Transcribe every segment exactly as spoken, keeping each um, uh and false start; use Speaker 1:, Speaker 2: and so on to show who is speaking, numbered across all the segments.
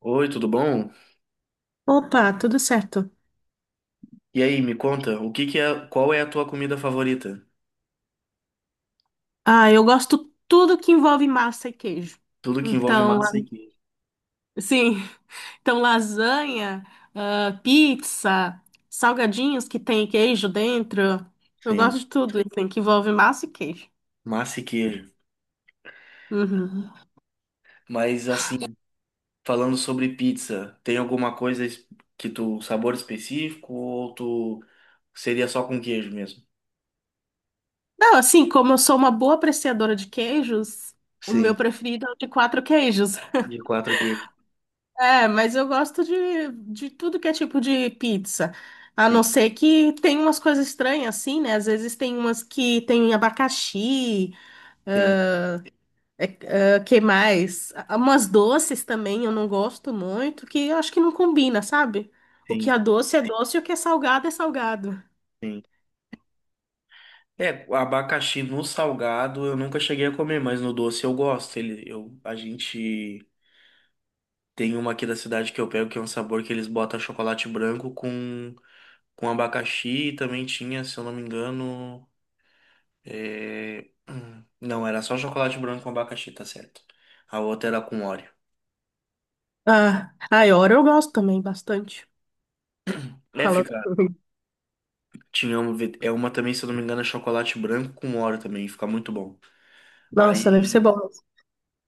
Speaker 1: Oi, tudo bom?
Speaker 2: Opa, tudo certo.
Speaker 1: E aí, me conta, o que que é, qual é a tua comida favorita?
Speaker 2: Ah, eu gosto tudo que envolve massa e queijo.
Speaker 1: Tudo que envolve
Speaker 2: Então, la-
Speaker 1: massa e queijo.
Speaker 2: sim, então lasanha, ah, pizza, salgadinhos que tem queijo dentro. Eu
Speaker 1: Sim,
Speaker 2: gosto de tudo, assim, que envolve massa e queijo.
Speaker 1: massa e queijo.
Speaker 2: Uhum.
Speaker 1: Mas assim, falando sobre pizza, tem alguma coisa es- que tu, sabor específico ou tu seria só com queijo mesmo?
Speaker 2: Não, assim, como eu sou uma boa apreciadora de queijos, o meu
Speaker 1: Sim,
Speaker 2: preferido é o de quatro queijos.
Speaker 1: de quatro queijos.
Speaker 2: É, mas eu gosto de, de tudo que é tipo de pizza. A não
Speaker 1: Sim,
Speaker 2: ser que tem umas coisas estranhas assim, né? Às vezes tem umas que tem abacaxi,
Speaker 1: sim,
Speaker 2: é, é, que mais? Ah, umas doces também eu não gosto muito, que eu acho que não combina, sabe? O que
Speaker 1: sim,
Speaker 2: é doce é doce e o que é salgado é salgado.
Speaker 1: sim. É, o abacaxi no salgado eu nunca cheguei a comer, mas no doce eu gosto. Ele, eu, a gente tem uma aqui da cidade que eu pego que é um sabor que eles botam chocolate branco com com abacaxi e também tinha, se eu não me engano, é, hum, não, era só chocolate branco com abacaxi, tá certo. A outra era com Oreo.
Speaker 2: Ah, a Iora eu gosto também bastante.
Speaker 1: É,
Speaker 2: Falando.
Speaker 1: fica. Tinha uma, ve- é uma também, se eu não me engano, é chocolate branco com Oreo também, fica muito bom.
Speaker 2: Nossa, deve ser
Speaker 1: Aí
Speaker 2: bom.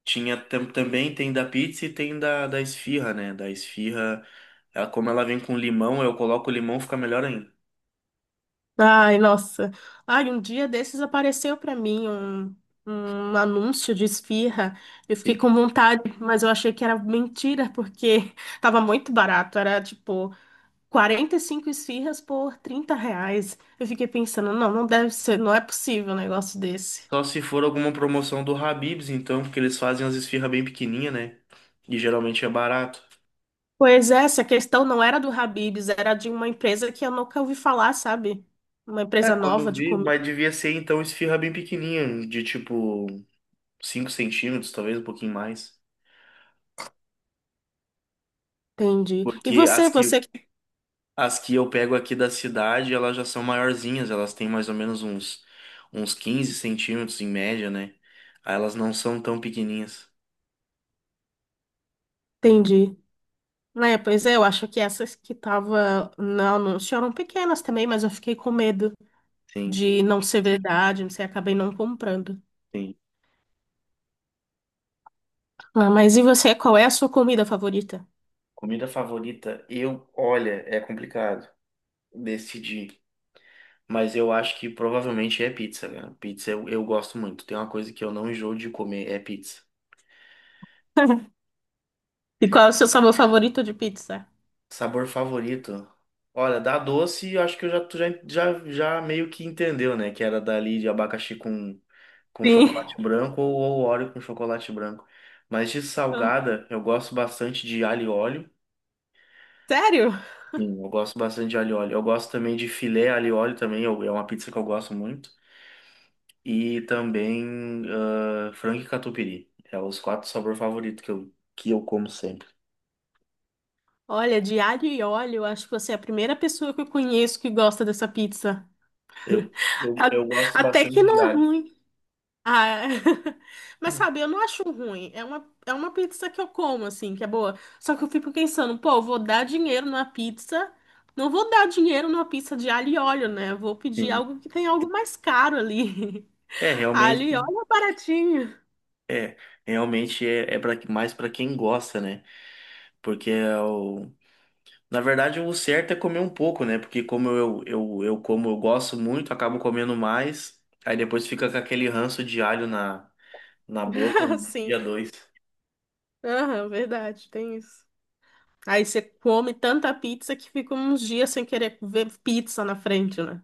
Speaker 1: tinha tam- também, tem da pizza e tem da, da esfirra, né? Da esfirra, ela, como ela vem com limão, eu coloco o limão, fica melhor ainda.
Speaker 2: Ai, nossa. Ai, um dia desses apareceu pra mim um, um anúncio de esfirra. Eu fiquei
Speaker 1: Sim.
Speaker 2: com vontade, mas eu achei que era mentira, porque tava muito barato. Era tipo quarenta e cinco esfirras por trinta reais. Eu fiquei pensando, não, não deve ser, não é possível um negócio desse.
Speaker 1: Só se for alguma promoção do Habib's, então, porque eles fazem as esfirras bem pequenininha, né? E geralmente é barato.
Speaker 2: Pois é, essa questão não era do Habib's, era de uma empresa que eu nunca ouvi falar, sabe? Uma
Speaker 1: É,
Speaker 2: empresa
Speaker 1: quando
Speaker 2: nova
Speaker 1: eu
Speaker 2: de
Speaker 1: vi,
Speaker 2: comida.
Speaker 1: mas devia ser então esfirra bem pequenininha, de tipo cinco centímetros, talvez um pouquinho mais.
Speaker 2: Entendi. E
Speaker 1: Porque
Speaker 2: você,
Speaker 1: as que,
Speaker 2: você que
Speaker 1: as que eu pego aqui da cidade, elas já são maiorzinhas, elas têm mais ou menos uns, uns quinze centímetros em média, né? Aí elas não são tão pequenininhas.
Speaker 2: entende? É, pois é, eu acho que essas que tava no anúncio eram pequenas também, mas eu fiquei com medo
Speaker 1: Sim,
Speaker 2: de não ser verdade, não sei, acabei não comprando.
Speaker 1: sim.
Speaker 2: Ah, mas e você, qual é a sua comida favorita?
Speaker 1: Comida favorita, eu, olha, é complicado decidir. Mas eu acho que provavelmente é pizza, cara. Pizza eu, eu gosto muito. Tem uma coisa que eu não enjoo de comer, é pizza.
Speaker 2: E qual é o seu sabor favorito de pizza?
Speaker 1: Sabor favorito? Olha, da doce, eu acho que eu já, tu já, já, já meio que entendeu, né? Que era dali de abacaxi com, com
Speaker 2: Sim.
Speaker 1: chocolate branco ou, ou Oreo com chocolate branco. Mas de
Speaker 2: Ah,
Speaker 1: salgada, eu gosto bastante de alho e óleo.
Speaker 2: sério?
Speaker 1: Sim, eu gosto bastante de alho e óleo. Eu gosto também de filé alho e óleo também, eu- é uma pizza que eu gosto muito. E também ah, frango e catupiry. É os quatro sabores favoritos que eu, que eu como sempre.
Speaker 2: Olha, de alho e óleo, eu acho que você é a primeira pessoa que eu conheço que gosta dessa pizza.
Speaker 1: Eu, eu,
Speaker 2: A-
Speaker 1: eu gosto
Speaker 2: Até que
Speaker 1: bastante de
Speaker 2: não é
Speaker 1: alho.
Speaker 2: ruim. Ah, é. Mas sabe, eu não acho ruim. É uma, é uma pizza que eu como, assim, que é boa. Só que eu fico pensando, pô, vou dar dinheiro numa pizza. Não vou dar dinheiro numa pizza de alho e óleo, né? Vou pedir
Speaker 1: Sim.
Speaker 2: algo que tem algo mais caro ali.
Speaker 1: É,
Speaker 2: Alho e
Speaker 1: realmente.
Speaker 2: óleo é baratinho.
Speaker 1: É, realmente é, é pra, mais para quem gosta, né? Porque é o, na verdade o certo é comer um pouco, né? Porque como eu, eu, eu como eu gosto muito, acabo comendo mais, aí depois fica com aquele ranço de alho na, na boca um
Speaker 2: Assim.
Speaker 1: dia, dois.
Speaker 2: Aham, verdade, tem isso. Aí você come tanta pizza que fica uns dias sem querer ver pizza na frente, né?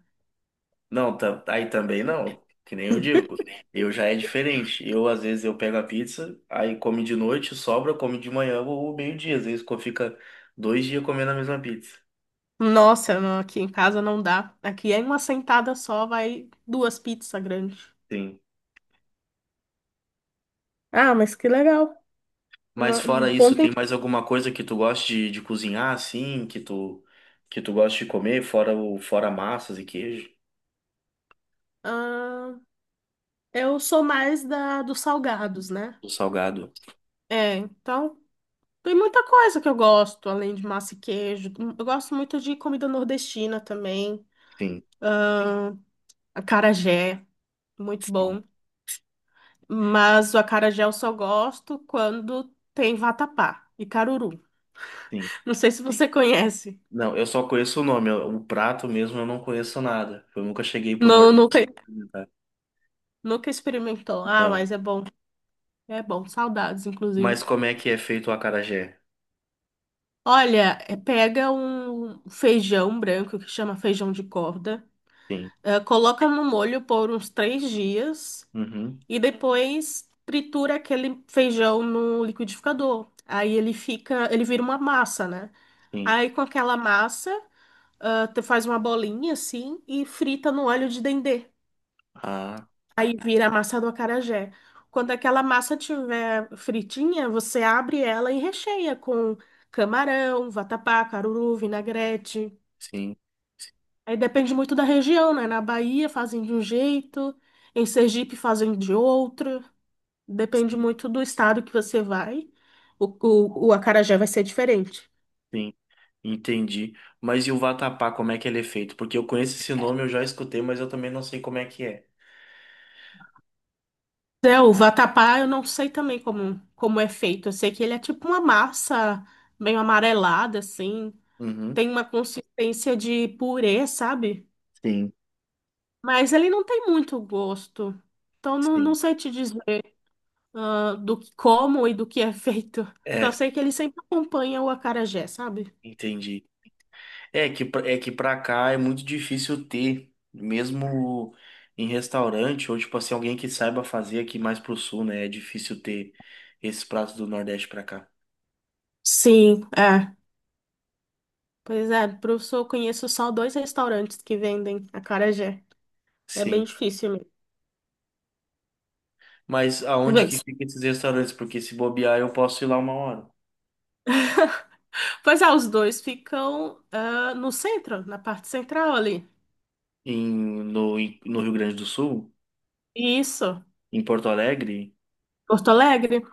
Speaker 1: Não, tá, aí também não, que nem eu digo. Eu já é diferente. Eu, às vezes, eu pego a pizza, aí come de noite, sobra, come de manhã ou meio-dia. Às vezes co- fica dois dias comendo a mesma pizza.
Speaker 2: Nossa, não, aqui em casa não dá. Aqui é em uma sentada só, vai duas pizzas grandes.
Speaker 1: Sim.
Speaker 2: Ah, mas que legal.
Speaker 1: Mas
Speaker 2: Uma- um
Speaker 1: fora isso,
Speaker 2: ponto em...
Speaker 1: tem mais alguma coisa que tu gosta de, de cozinhar, assim, que tu que tu gosta de comer, fora o fora massas e queijo,
Speaker 2: Ah, eu sou mais da dos salgados, né?
Speaker 1: o salgado?
Speaker 2: É, então tem muita coisa que eu gosto, além de massa e queijo. Eu gosto muito de comida nordestina também.
Speaker 1: Sim,
Speaker 2: Acarajé, muito
Speaker 1: sim,
Speaker 2: bom. Mas o acarajé eu só gosto quando tem vatapá e caruru.
Speaker 1: sim.
Speaker 2: Não sei se você conhece.
Speaker 1: Não, eu só conheço o nome, eu- o prato mesmo eu não conheço nada. Eu nunca cheguei pro
Speaker 2: Não,
Speaker 1: norte
Speaker 2: nunca,
Speaker 1: experimentar.
Speaker 2: nunca experimentou. Ah,
Speaker 1: Não.
Speaker 2: mas é bom. É bom. Saudades,
Speaker 1: Mas
Speaker 2: inclusive.
Speaker 1: como é que é feito o acarajé?
Speaker 2: Olha, é, pega um feijão branco que chama feijão de corda,
Speaker 1: Sim.
Speaker 2: eh, coloca no molho por uns três dias
Speaker 1: Uhum.
Speaker 2: e depois tritura aquele feijão no liquidificador. Aí ele fica, ele vira uma massa, né?
Speaker 1: Sim.
Speaker 2: Aí com aquela massa, ah, tu faz uma bolinha assim e frita no óleo de dendê.
Speaker 1: Ah,
Speaker 2: Aí vira a massa do acarajé. Quando aquela massa tiver fritinha, você abre ela e recheia com camarão, vatapá, caruru, vinagrete.
Speaker 1: sim,
Speaker 2: Aí depende muito da região, né? Na Bahia fazem de um jeito, em Sergipe fazem de outro. Depende
Speaker 1: sim,
Speaker 2: muito do estado que você vai. O, o, o acarajé vai ser diferente.
Speaker 1: sim. Entendi. Mas e o vatapá, como é que ele é feito? Porque eu conheço esse nome, eu já escutei, mas eu também não sei como é que é.
Speaker 2: É, o vatapá eu não sei também como, como é feito. Eu sei que ele é tipo uma massa meio amarelada, assim.
Speaker 1: Uhum.
Speaker 2: Tem uma consistência de purê, sabe?
Speaker 1: Sim.
Speaker 2: Mas ele não tem muito gosto. Então não, não
Speaker 1: Sim,
Speaker 2: sei te dizer. Ah, do que como e do que é feito. Só
Speaker 1: é,
Speaker 2: sei que ele sempre acompanha o acarajé, sabe?
Speaker 1: entendi. É que, pra- é que pra cá é muito difícil ter, mesmo em restaurante, ou tipo assim, alguém que saiba fazer aqui mais pro sul, né? É difícil ter esses pratos do Nordeste pra cá.
Speaker 2: Sim, é. Pois é, professor, eu conheço só dois restaurantes que vendem acarajé. É bem
Speaker 1: Sim.
Speaker 2: difícil mesmo.
Speaker 1: Mas aonde que
Speaker 2: Mas-
Speaker 1: fica esses restaurantes? Porque se bobear, eu posso ir lá uma hora.
Speaker 2: Pois é, os dois ficam ah, no centro, na parte central ali.
Speaker 1: Em, no, em- no Rio Grande do Sul?
Speaker 2: Isso,
Speaker 1: Em Porto Alegre?
Speaker 2: Porto Alegre.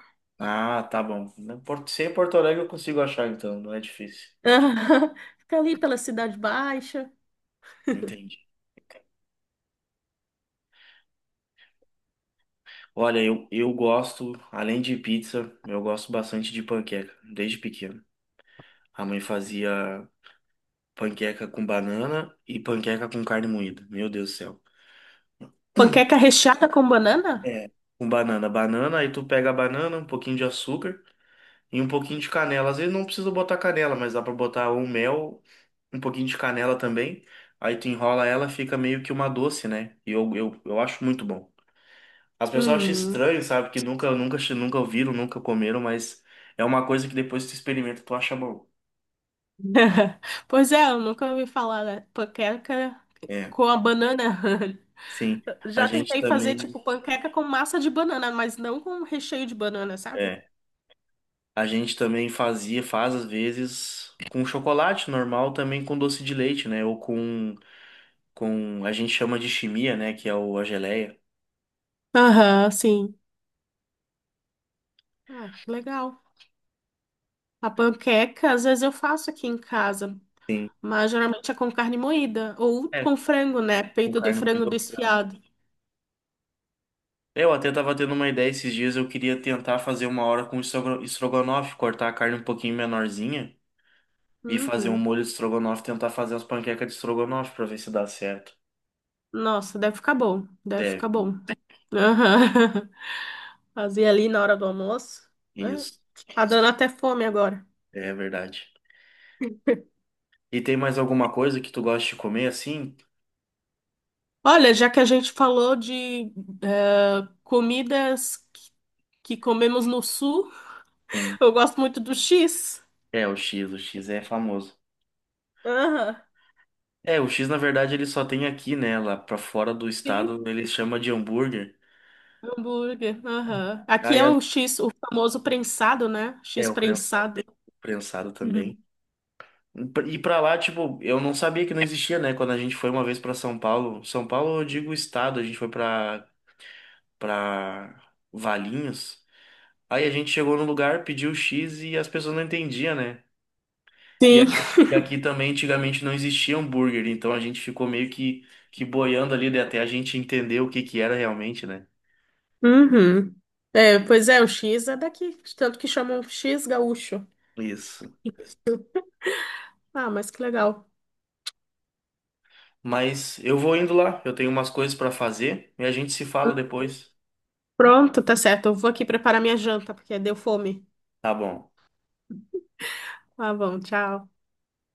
Speaker 1: Ah, tá bom. Na Porto- Se é em Porto Alegre, eu consigo achar, então, não é difícil.
Speaker 2: Fica ali pela Cidade Baixa.
Speaker 1: Entendi. Olha, eu, eu gosto, além de pizza, eu gosto bastante de panqueca, desde pequeno. A mãe fazia panqueca com banana e panqueca com carne moída. Meu Deus do céu.
Speaker 2: Panqueca recheada com banana?
Speaker 1: É, com banana. Banana, aí tu pega a banana, um pouquinho de açúcar e um pouquinho de canela. Às vezes não precisa botar canela, mas dá pra botar um mel, um pouquinho de canela também. Aí tu enrola ela, fica meio que uma doce, né? E eu, eu, eu acho muito bom. As pessoas acham
Speaker 2: Hum.
Speaker 1: estranho, sabe? Que nunca, nunca, nunca ouviram, nunca comeram, mas é uma coisa que depois que tu experimenta, tu acha bom.
Speaker 2: Pois é, eu nunca ouvi falar da panqueca
Speaker 1: É,
Speaker 2: com a banana.
Speaker 1: sim. A
Speaker 2: Já
Speaker 1: gente
Speaker 2: tentei fazer,
Speaker 1: também,
Speaker 2: tipo, panqueca com massa de banana, mas não com recheio de banana, sabe?
Speaker 1: é, a gente também fazia, faz às vezes com chocolate normal, também com doce de leite, né? Ou com, com, a gente chama de chimia, né? Que é o, a geleia.
Speaker 2: Aham, sim. Ah, que legal. A panqueca, às vezes eu faço aqui em casa,
Speaker 1: Sim.
Speaker 2: mas geralmente é com carne moída ou
Speaker 1: É,
Speaker 2: com frango, né?
Speaker 1: com
Speaker 2: Peito de
Speaker 1: carne
Speaker 2: frango
Speaker 1: moída ao frango.
Speaker 2: desfiado.
Speaker 1: Eu até tava tendo uma ideia esses dias, eu queria tentar fazer uma hora com estrogo- estrogonofe, cortar a carne um pouquinho menorzinha. E fazer um
Speaker 2: Uhum.
Speaker 1: molho de estrogonofe, tentar fazer as panquecas de estrogonofe pra ver se dá certo.
Speaker 2: Nossa, deve ficar bom, deve
Speaker 1: Deve,
Speaker 2: ficar bom.
Speaker 1: né?
Speaker 2: Aham. Fazia ali na hora do almoço, né?
Speaker 1: Isso.
Speaker 2: Tá dando até fome agora.
Speaker 1: É verdade. E tem mais alguma coisa que tu gosta de comer assim?
Speaker 2: Olha, já que a gente falou de eh, comidas que que comemos no sul,
Speaker 1: Sim.
Speaker 2: eu gosto muito do X.
Speaker 1: É, o X, o X é famoso.
Speaker 2: Aham.
Speaker 1: É, o X na verdade ele só tem aqui, né? Lá pra fora do estado
Speaker 2: Sim.
Speaker 1: ele chama de hambúrguer.
Speaker 2: Hambúrguer. Aham. Aqui
Speaker 1: Aí
Speaker 2: é
Speaker 1: a-
Speaker 2: o X, o famoso prensado, né?
Speaker 1: é
Speaker 2: X
Speaker 1: o prensado,
Speaker 2: prensado.
Speaker 1: prensado também.
Speaker 2: Uhum.
Speaker 1: E pra lá, tipo, eu não sabia que não existia, né? Quando a gente foi uma vez pra São Paulo, São Paulo, eu digo estado, a gente foi pra para Valinhos. Aí a gente chegou no lugar, pediu X e as pessoas não entendiam, né? E
Speaker 2: Sim.
Speaker 1: aqui, e aqui também antigamente não existia hambúrguer, então a gente ficou meio que, que boiando ali né, até a gente entender o que que era realmente, né?
Speaker 2: Uhum. É, pois é, o X é daqui, tanto que chamam X gaúcho.
Speaker 1: Isso.
Speaker 2: Ah, mas que legal.
Speaker 1: Mas eu vou indo lá, eu tenho umas coisas para fazer e a gente se fala depois.
Speaker 2: Pronto, tá certo. Eu vou aqui preparar minha janta, porque deu fome.
Speaker 1: Tá bom.
Speaker 2: Tá bom, tchau.